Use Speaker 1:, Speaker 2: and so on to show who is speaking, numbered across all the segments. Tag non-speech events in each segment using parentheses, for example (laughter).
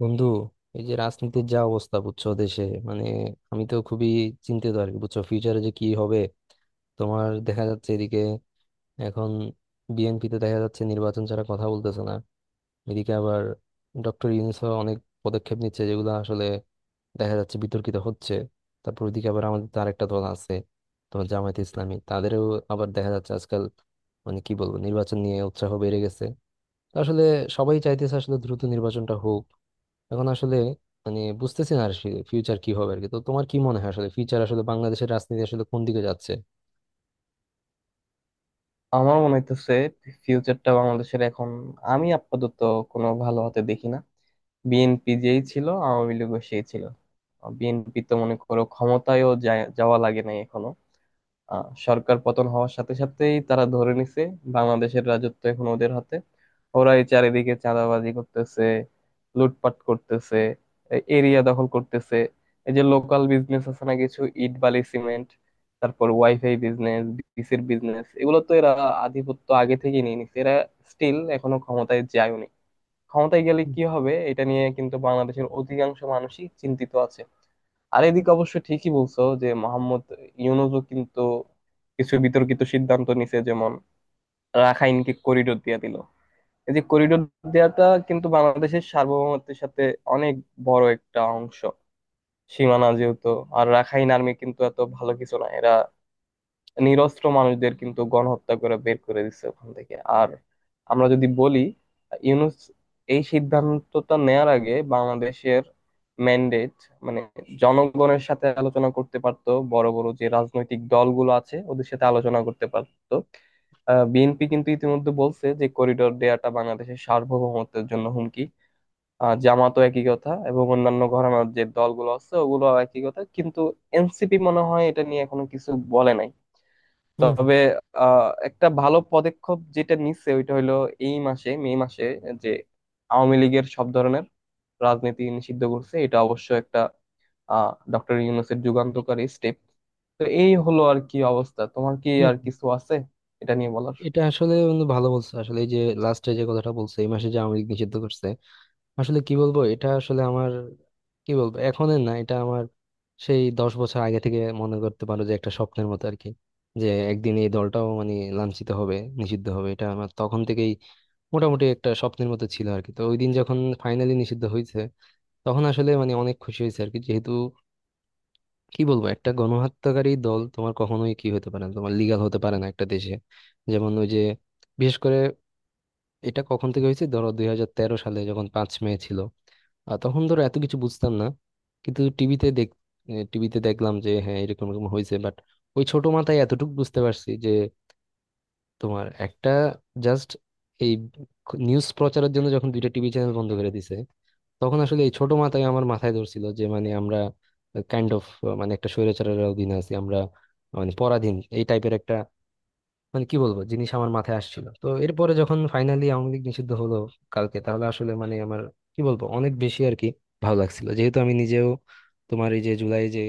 Speaker 1: বন্ধু, এই যে রাজনীতির যা অবস্থা বুঝছো দেশে, মানে আমি তো খুবই চিন্তিত আর কি। বুঝছো ফিউচারে যে কি হবে তোমার? দেখা যাচ্ছে এদিকে এখন বিএনপি তে দেখা যাচ্ছে নির্বাচন ছাড়া কথা বলতেছে না। এদিকে আবার ডক্টর ইউনূস অনেক পদক্ষেপ নিচ্ছে যেগুলো আসলে দেখা যাচ্ছে বিতর্কিত হচ্ছে। তারপর ওইদিকে আবার আমাদের তো আরেকটা দল আছে তোমার, জামায়াতে ইসলামী, তাদেরও আবার দেখা যাচ্ছে আজকাল মানে কি বলবো নির্বাচন নিয়ে উৎসাহ বেড়ে গেছে। তো আসলে সবাই চাইতেছে আসলে দ্রুত নির্বাচনটা হোক। এখন আসলে মানে বুঝতেছি না আর ফিউচার কি হবে আর কি। তো তোমার কি মনে হয় আসলে ফিউচার আসলে বাংলাদেশের রাজনীতি আসলে কোন দিকে যাচ্ছে?
Speaker 2: আমার মনে হইতেছে ফিউচারটা বাংলাদেশের এখন আমি আপাতত কোনো ভালো হতে দেখি না। বিএনপি যেই ছিল আওয়ামী লীগও সেই ছিল। বিএনপি তো মনে করো ক্ষমতায়ও যাওয়া লাগে নাই এখনো। সরকার পতন হওয়ার সাথে সাথেই তারা ধরে নিছে বাংলাদেশের রাজত্ব এখন ওদের হাতে। ওরা এই চারিদিকে চাঁদাবাজি করতেছে, লুটপাট করতেছে, এরিয়া দখল করতেছে। এই যে লোকাল বিজনেস আছে না, কিছু ইট বালি সিমেন্ট, তারপর ওয়াইফাই বিজনেস, বিসির বিজনেস, এগুলো তো এরা আধিপত্য আগে থেকে নিয়ে নিছে। এরা স্টিল এখনো ক্ষমতায় যায়নি, ক্ষমতায় গেলে
Speaker 1: হুম,
Speaker 2: কি হবে এটা নিয়ে কিন্তু বাংলাদেশের অধিকাংশ মানুষই চিন্তিত আছে। আর এদিকে অবশ্য ঠিকই বলছো যে মোহাম্মদ ইউনূসও কিন্তু কিছু বিতর্কিত সিদ্ধান্ত নিছে, যেমন রাখাইনকে করিডোর দিয়ে দিল। এই যে করিডোর দেওয়াটা কিন্তু বাংলাদেশের সার্বভৌমত্বের সাথে অনেক বড় একটা অংশ সীমানা যেহেতু, আর রাখাইন আর্মি কিন্তু এত ভালো কিছু না, এরা নিরস্ত্র মানুষদের কিন্তু গণহত্যা করে বের করে দিচ্ছে ওখান থেকে। আর আমরা যদি বলি, ইউনুস এই সিদ্ধান্তটা নেয়ার আগে বাংলাদেশের ম্যান্ডেট মানে জনগণের সাথে আলোচনা করতে পারতো, বড় বড় যে রাজনৈতিক দলগুলো আছে ওদের সাথে আলোচনা করতে পারতো। বিএনপি কিন্তু ইতিমধ্যে বলছে যে করিডোর দেয়াটা বাংলাদেশের সার্বভৌমত্বের জন্য হুমকি। জামাতও একই কথা, এবং অন্যান্য ঘরানার যে দলগুলো আছে ওগুলো একই কথা, কিন্তু এনসিপি মনে হয় এটা নিয়ে এখনো কিছু বলে নাই।
Speaker 1: হুম হুম।
Speaker 2: তবে একটা ভালো পদক্ষেপ যেটা নিচ্ছে ওইটা হলো এই মাসে, মে মাসে, যে আওয়ামী লীগের সব ধরনের রাজনীতি নিষিদ্ধ করছে, এটা অবশ্য একটা ডক্টর ইউনূসের যুগান্তকারী স্টেপ। তো এই হলো আর কি অবস্থা। তোমার কি
Speaker 1: হুম,
Speaker 2: আর কিছু আছে এটা নিয়ে বলার?
Speaker 1: এটা আসলে বন্ধু ভালো বলছো আসলে এই যে লাস্টে যে কথাটা বলছে এই মাসে যে আওয়ামী লীগ নিষিদ্ধ করছে, আসলে কি বলবো এটা আসলে আমার, কি বলবো, এখনের না, এটা আমার সেই 10 বছর আগে থেকে মনে করতে পারো যে একটা স্বপ্নের মতো আর কি। যে একদিন এই দলটাও মানে লাঞ্ছিত হবে, নিষিদ্ধ হবে, এটা আমার তখন থেকেই মোটামুটি একটা স্বপ্নের মতো ছিল আর কি। তো ওই দিন যখন ফাইনালি নিষিদ্ধ হয়েছে তখন আসলে মানে অনেক খুশি হয়েছে আর কি, যেহেতু কি বলবো একটা গণহত্যাকারী দল তোমার কখনোই কি হতে পারে না, তোমার লিগাল হতে পারে না একটা দেশে। যেমন ওই যে বিশেষ করে এটা কখন থেকে হয়েছে ধরো 2013 সালে যখন 5 মে ছিল, আর তখন ধরো এত কিছু বুঝতাম না কিন্তু টিভিতে দেখ, টিভিতে দেখলাম যে হ্যাঁ এরকম এরকম হয়েছে, বাট ওই ছোট মাথায় এতটুকু বুঝতে পারছি যে তোমার একটা জাস্ট এই নিউজ প্রচারের জন্য যখন দুইটা টিভি চ্যানেল বন্ধ করে দিছে তখন আসলে এই ছোট মাথায় আমার মাথায় ধরছিল যে মানে আমরা কাইন্ড অফ মানে একটা স্বৈরাচারের অধীনে আছি আমরা, মানে পরাধীন এই টাইপের একটা মানে কি বলবো জিনিস আমার মাথায় আসছিল। তো এরপরে যখন ফাইনালি আওয়ামী লীগ নিষিদ্ধ হলো কালকে, তাহলে আসলে মানে আমার কি বলবো অনেক বেশি আর কি ভালো লাগছিল, যেহেতু আমি নিজেও তোমার এই যে জুলাই যে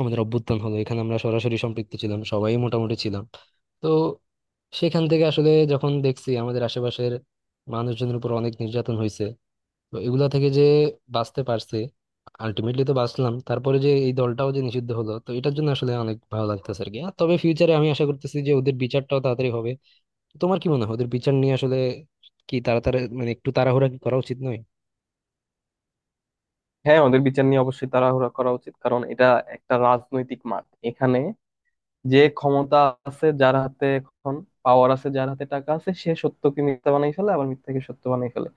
Speaker 1: আমাদের অভ্যুত্থান হলো এখানে আমরা সরাসরি সম্পৃক্ত ছিলাম, সবাই মোটামুটি ছিলাম। তো সেখান থেকে আসলে যখন দেখছি আমাদের আশেপাশের মানুষজনের উপর অনেক নির্যাতন হয়েছে, তো এগুলা থেকে যে বাঁচতে পারছি আলটিমেটলি, তো বাঁচলাম তারপরে যে এই দলটাও যে নিষিদ্ধ হলো, তো এটার জন্য আসলে অনেক ভালো লাগতেছে আর কি। আর তবে ফিউচারে আমি আশা করতেছি যে ওদের বিচারটাও তাড়াতাড়ি হবে। তোমার কি মনে হয় ওদের বিচার নিয়ে আসলে কি তাড়াতাড়ি মানে একটু তাড়াহুড়া কি করা উচিত নয়?
Speaker 2: হ্যাঁ, ওদের বিচার নিয়ে অবশ্যই তাড়াহুড়া করা উচিত, কারণ এটা একটা রাজনৈতিক মাঠ। এখানে যে ক্ষমতা আছে যার হাতে, এখন পাওয়ার আছে যার হাতে, টাকা আছে, সে সত্যকে মিথ্যা বানাই ফেলে, আবার মিথ্যাকে সত্য বানাই ফেলে।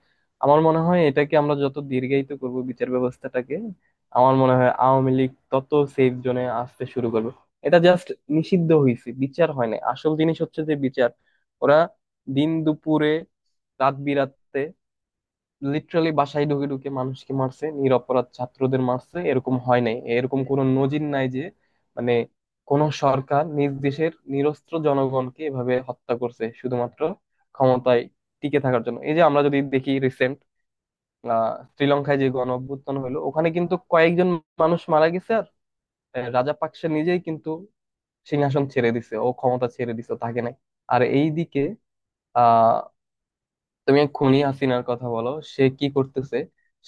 Speaker 2: আমার মনে হয় এটাকে আমরা যত দীর্ঘায়িত করব বিচার ব্যবস্থাটাকে, আমার মনে হয় আওয়ামী লীগ তত সেফ জোনে আসতে শুরু করবে। এটা জাস্ট নিষিদ্ধ হয়েছে, বিচার হয় না। আসল জিনিস হচ্ছে যে বিচার। ওরা দিন দুপুরে, রাত বিরাতে, লিটারালি বাসায় ঢুকে ঢুকে মানুষকে মারছে, নিরপরাধ ছাত্রদের মারছে। এরকম হয় নাই, এরকম কোনো নজির নাই যে মানে কোন সরকার নিজ দেশের নিরস্ত্র জনগণকে এভাবে হত্যা করছে শুধুমাত্র ক্ষমতায় টিকে থাকার জন্য। এই যে আমরা যদি দেখি রিসেন্ট শ্রীলঙ্কায় যে গণ অভ্যুত্থান হলো, ওখানে কিন্তু কয়েকজন মানুষ মারা গেছে, আর রাজাপাকসে নিজেই কিন্তু সিংহাসন ছেড়ে দিছে, ও ক্ষমতা ছেড়ে দিছে, তাকে নাই। আর এইদিকে আহ তুমি এক খুনি হাসিনার কথা বলো, সে কি করতেছে?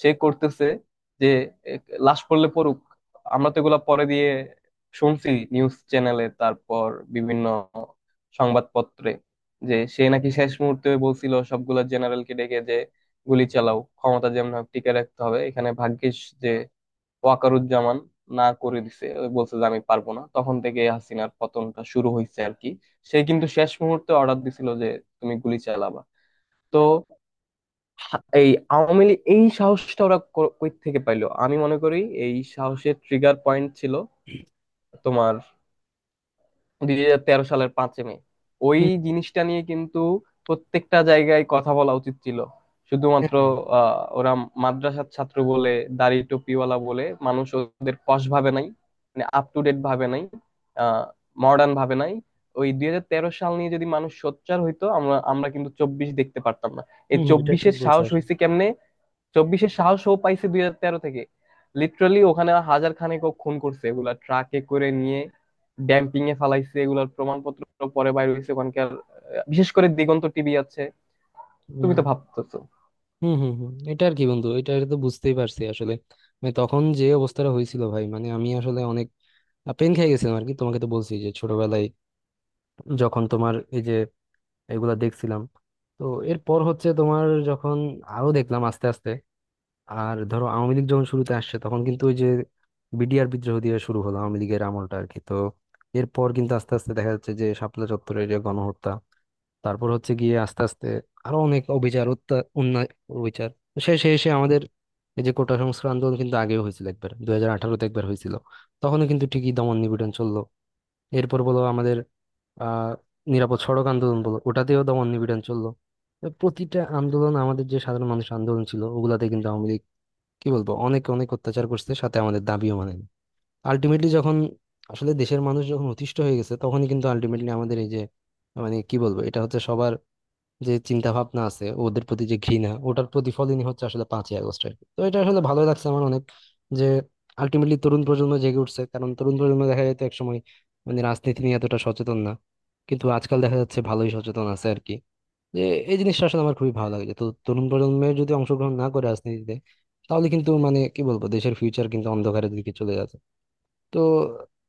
Speaker 2: সে করতেছে যে, এক, লাশ পড়লে পড়ুক। আমরা তো এগুলা পরে দিয়ে শুনছি নিউজ চ্যানেলে, তারপর বিভিন্ন সংবাদপত্রে, যে সে নাকি শেষ মুহূর্তে বলছিল সবগুলা জেনারেলকে ডেকে যে গুলি চালাও, ক্ষমতা যেমন হোক টিকে রাখতে হবে। এখানে ভাগ্যিস যে ওয়াকারুজ্জামান না করে দিছে, ওই বলছে যে আমি পারবো না, তখন থেকে হাসিনার পতনটা শুরু হয়েছে আর কি। সে কিন্তু শেষ মুহূর্তে অর্ডার দিছিল যে তুমি গুলি চালাবা। তো এই আওয়ামী লীগ এই সাহসটা ওরা কই থেকে পাইলো? আমি মনে করি এই সাহসের ট্রিগার পয়েন্ট ছিল তোমার 2013 সালের 5ই মে। ওই
Speaker 1: হুম
Speaker 2: জিনিসটা নিয়ে কিন্তু প্রত্যেকটা জায়গায় কথা বলা উচিত ছিল। শুধুমাত্র
Speaker 1: হম।
Speaker 2: ওরা মাদ্রাসার ছাত্র বলে, দাড়ি টুপিওয়ালা বলে মানুষ ওদের পশ ভাবে নাই, মানে আপ টু ডেট ভাবে নাই, আহ মডার্ন ভাবে নাই। ওই 2013 সাল নিয়ে যদি মানুষ সোচ্চার হইতো, আমরা আমরা কিন্তু 24 দেখতে পারতাম না। এই
Speaker 1: হম, এটা ঠিক
Speaker 2: 24-এর
Speaker 1: বলছো
Speaker 2: সাহস
Speaker 1: আসলে।
Speaker 2: হয়েছে কেমনে? 24-এর সাহসও পাইছে 2013 থেকে। লিটারালি ওখানে হাজার খানেক ও খুন করছে, এগুলা ট্রাকে করে নিয়ে ড্যাম্পিং এ ফালাইছে, এগুলার প্রমাণপত্র পরে বাইরে হয়েছে ওখানকার। বিশেষ করে দিগন্ত টিভি আছে, তুমি
Speaker 1: হম।
Speaker 2: তো ভাবতেছো।
Speaker 1: হুম হুম হুম, এটা আর কি বন্ধু, এটা এটা তো বুঝতেই পারছি আসলে মানে তখন যে অবস্থাটা হয়েছিল ভাই, মানে আমি আসলে অনেক পেন খেয়ে গেছিলাম আর কি। তোমাকে তো বলছি যে ছোটবেলায় যখন তোমার এই যে এগুলা দেখছিলাম, তো এরপর হচ্ছে তোমার যখন আরো দেখলাম আস্তে আস্তে, আর ধরো আওয়ামী লীগ যখন শুরুতে আসছে তখন কিন্তু ওই যে বিডিআর বিদ্রোহ দিয়ে শুরু হলো আওয়ামী লীগের আমলটা আর কি। তো এরপর কিন্তু আস্তে আস্তে দেখা যাচ্ছে যে শাপলা চত্বরের যে গণহত্যা, তারপর হচ্ছে গিয়ে আস্তে আস্তে আরো অনেক অবিচার, অন্যায় অবিচার। তো শেষে এসে আমাদের এই যে কোটা সংস্কার আন্দোলন কিন্তু আগেও হয়েছিল একবার, 2018-তে একবার হয়েছিল, তখনও কিন্তু ঠিকই দমন নিপীড়ন চললো। এরপর বলো আমাদের আহ নিরাপদ সড়ক আন্দোলন বলো ওটাতেও দমন নিপীড়ন চললো। তো প্রতিটা আন্দোলন আমাদের যে সাধারণ মানুষের আন্দোলন ছিল ওগুলাতে কিন্তু আওয়ামী লীগ কি বলবো অনেক অনেক অত্যাচার করছে, সাথে আমাদের দাবিও মানেনি। আলটিমেটলি যখন আসলে দেশের মানুষ যখন অতিষ্ঠ হয়ে গেছে তখনই কিন্তু আলটিমেটলি আমাদের এই যে মানে কি বলবো এটা হচ্ছে সবার যে চিন্তা ভাবনা আছে ওদের প্রতি, যে ঘৃণা, ওটার প্রতিফলনই হচ্ছে আসলে 5ই আগস্ট আর কি। তো এটা আসলে ভালো লাগছে আমার অনেক, যে আলটিমেটলি তরুণ প্রজন্ম জেগে উঠছে, কারণ তরুণ প্রজন্ম দেখা যেত একসময় মানে রাজনীতি নিয়ে এতটা সচেতন না, কিন্তু আজকাল দেখা যাচ্ছে ভালোই সচেতন আছে আর কি। যে এই জিনিসটা আসলে আমার খুবই ভালো লাগে। যে তো তরুণ প্রজন্মের যদি অংশগ্রহণ না করে রাজনীতিতে, তাহলে কিন্তু মানে কি বলবো দেশের ফিউচারের কিন্তু অন্ধকারের দিকে চলে যাচ্ছে। তো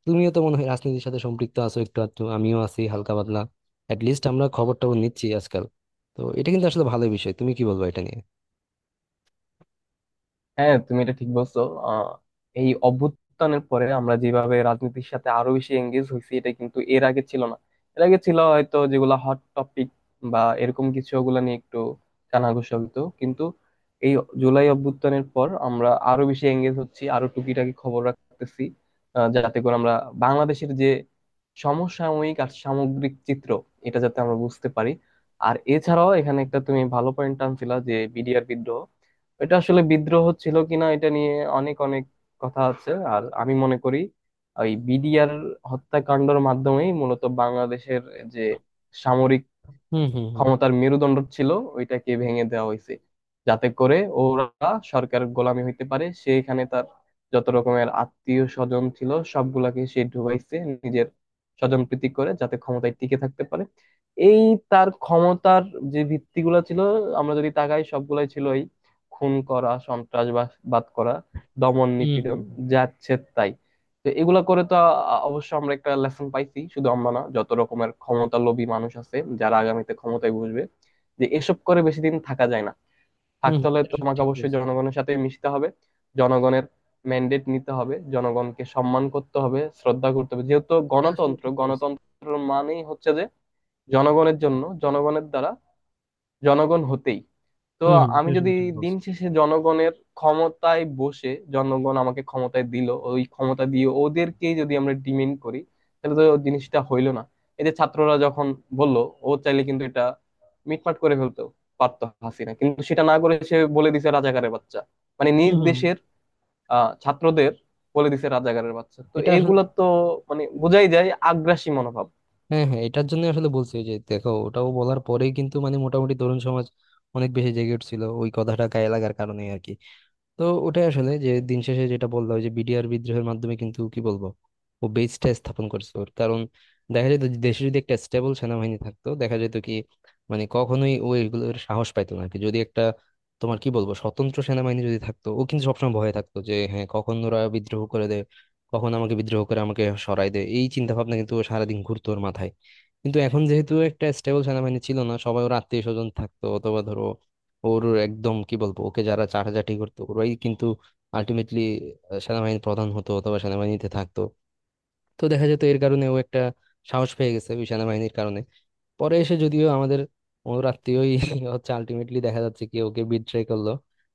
Speaker 1: তুমিও তো মনে হয় রাজনীতির সাথে সম্পৃক্ত আছো একটু আধটু, আমিও আছি হালকা পাতলা, লিস্ট আমরা খবর টবর নিচ্ছি আজকাল। তো এটা কিন্তু আসলে ভালো বিষয়, তুমি কি বলবো এটা নিয়ে?
Speaker 2: হ্যাঁ, তুমি এটা ঠিক বলছো। আহ, এই অভ্যুত্থানের পরে আমরা যেভাবে রাজনীতির সাথে আরো বেশি এঙ্গেজ হয়েছি, এটা কিন্তু এর আগে ছিল না। এর আগে ছিল হয়তো যেগুলা হট টপিক বা এরকম কিছু, ওগুলা নিয়ে একটু কানাঘুষা হইতো, কিন্তু এই জুলাই অভ্যুত্থানের পর আমরা আরো বেশি এঙ্গেজ হচ্ছি, আরো টুকিটাকি খবর রাখতেছি, যাতে করে আমরা বাংলাদেশের যে সমসাময়িক আর সামগ্রিক চিত্র, এটা যাতে আমরা বুঝতে পারি। আর এছাড়াও এখানে একটা তুমি ভালো পয়েন্ট আনছিলা যে বিডিআর বিদ্রোহ। এটা আসলে বিদ্রোহ ছিল কিনা এটা নিয়ে অনেক অনেক কথা আছে, আর আমি মনে করি ওই বিডিআর হত্যাকাণ্ডের মাধ্যমেই মূলত বাংলাদেশের যে সামরিক
Speaker 1: হুম হুম হুম।
Speaker 2: ক্ষমতার মেরুদণ্ড ছিল ওইটাকে ভেঙে দেওয়া হয়েছে, যাতে করে ওরা সরকারের গোলামি হইতে পারে। সেইখানে তার যত রকমের আত্মীয় স্বজন ছিল সবগুলাকে সে ঢুকাইছে, নিজের স্বজন প্রীতি করে, যাতে ক্ষমতায় টিকে থাকতে পারে। এই তার ক্ষমতার যে ভিত্তিগুলো ছিল, আমরা যদি তাকাই, সবগুলাই ছিল এই খুন করা, সন্ত্রাসবাদ করা, দমন
Speaker 1: হুম
Speaker 2: নিপীড়ন,
Speaker 1: হুম
Speaker 2: যাচ্ছে তাই। তো এগুলা করে তো অবশ্য আমরা একটা লেসন পাইছি, শুধু আমরা না, যত রকমের ক্ষমতালোভী মানুষ আছে যারা আগামীতে ক্ষমতায় বসবে, যে এসব করে বেশি দিন থাকা যায় না,
Speaker 1: হুম। হুম,
Speaker 2: থাকতে হলে
Speaker 1: এটা আসলে
Speaker 2: তোমাকে
Speaker 1: ঠিক
Speaker 2: অবশ্যই
Speaker 1: বলছো।
Speaker 2: জনগণের সাথে মিশতে হবে, জনগণের ম্যান্ডেট নিতে হবে, জনগণকে সম্মান করতে হবে, শ্রদ্ধা করতে হবে। যেহেতু
Speaker 1: এটা আসলে
Speaker 2: গণতন্ত্র,
Speaker 1: ঠিক বলছো।
Speaker 2: গণতন্ত্র মানেই হচ্ছে যে জনগণের জন্য, জনগণের দ্বারা, জনগণ হতেই। তো
Speaker 1: হুম হুম, এটা
Speaker 2: আমি যদি
Speaker 1: আসলে ঠিক
Speaker 2: দিন
Speaker 1: বলছো।
Speaker 2: শেষে জনগণের ক্ষমতায় বসে, জনগণ আমাকে ক্ষমতায় দিল, ওই ক্ষমতা দিয়ে ওদেরকেই যদি আমরা ডিমেন্ড করি, তাহলে তো জিনিসটা হইলো না। এই যে ছাত্ররা যখন বলল, ও চাইলে কিন্তু এটা মিটমাট করে ফেলতে পারতো হাসিনা, কিন্তু সেটা না করে সে বলে দিছে রাজাকারের বাচ্চা। মানে নিজ
Speaker 1: হুম হুম হুম,
Speaker 2: দেশের ছাত্রদের বলে দিছে রাজাকারের বাচ্চা। তো
Speaker 1: এটা আসলে
Speaker 2: এইগুলা
Speaker 1: ঠিক।
Speaker 2: তো মানে বোঝাই যায় আগ্রাসী মনোভাব।
Speaker 1: হ্যাঁ হ্যাঁ, এটার জন্য আসলে বলছি যে দেখো ওটাও বলার পরেই কিন্তু মানে মোটামুটি তরুণ সমাজ অনেক বেশি জেগে উঠছিল ওই কথাটা গায়ে লাগার কারণে আর কি। তো ওটাই আসলে যে দিন শেষে যেটা বললাম যে বিডিআর বিদ্রোহের মাধ্যমে কিন্তু কি বলবো ও বেসটা স্থাপন করছে ওর, কারণ দেখা যেত যে দেশে যদি একটা স্টেবল সেনাবাহিনী থাকতো দেখা যেত কি মানে কখনোই ও এগুলোর সাহস পাইতো না আর কি। যদি একটা তোমার কি বলবো স্বতন্ত্র সেনাবাহিনী যদি থাকতো ও কিন্তু সবসময় ভয়ে থাকতো যে হ্যাঁ কখন ওরা বিদ্রোহ করে দেয়, কখন আমাকে বিদ্রোহ করে আমাকে সরায় দেয়, এই চিন্তা ভাবনা কিন্তু ও সারাদিন ঘুরতো ওর মাথায়। কিন্তু এখন যেহেতু একটা স্টেবল সেনাবাহিনী ছিল না, সবাই ওর আত্মীয় স্বজন থাকতো, অথবা ধরো ওর একদম কি বলবো ওকে যারা চাটাচাটি করতো ওরাই কিন্তু আলটিমেটলি সেনাবাহিনীর প্রধান হতো অথবা সেনাবাহিনীতে থাকতো। তো দেখা যেত এর কারণে ও একটা সাহস পেয়ে গেছে ওই সেনাবাহিনীর কারণে। পরে এসে যদিও আমাদের ওর আত্মীয়ই (laughs) হচ্ছে আলটিমেটলি দেখা যাচ্ছে কি ওকে বিট্রে করলো,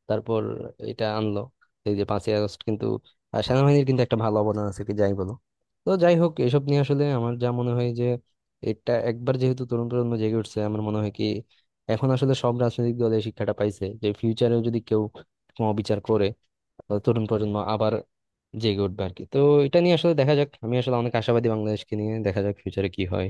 Speaker 1: তারপর এটা আনলো এই যে 5ই আগস্ট। কিন্তু সেনাবাহিনীর কিন্তু একটা ভালো অবদান আছে কি যাই বলো। তো যাই হোক এসব নিয়ে আসলে আমার যা মনে হয় যে এটা একবার যেহেতু তরুণ প্রজন্ম জেগে উঠছে, আমার মনে হয় কি এখন আসলে সব রাজনৈতিক দল এই শিক্ষাটা পাইছে যে ফিউচারেও যদি কেউ কোনো অবিচার করে তাহলে তরুণ প্রজন্ম আবার জেগে উঠবে আর কি। তো এটা নিয়ে আসলে দেখা যাক, আমি আসলে অনেক আশাবাদী বাংলাদেশকে নিয়ে, দেখা যাক ফিউচারে কি হয়।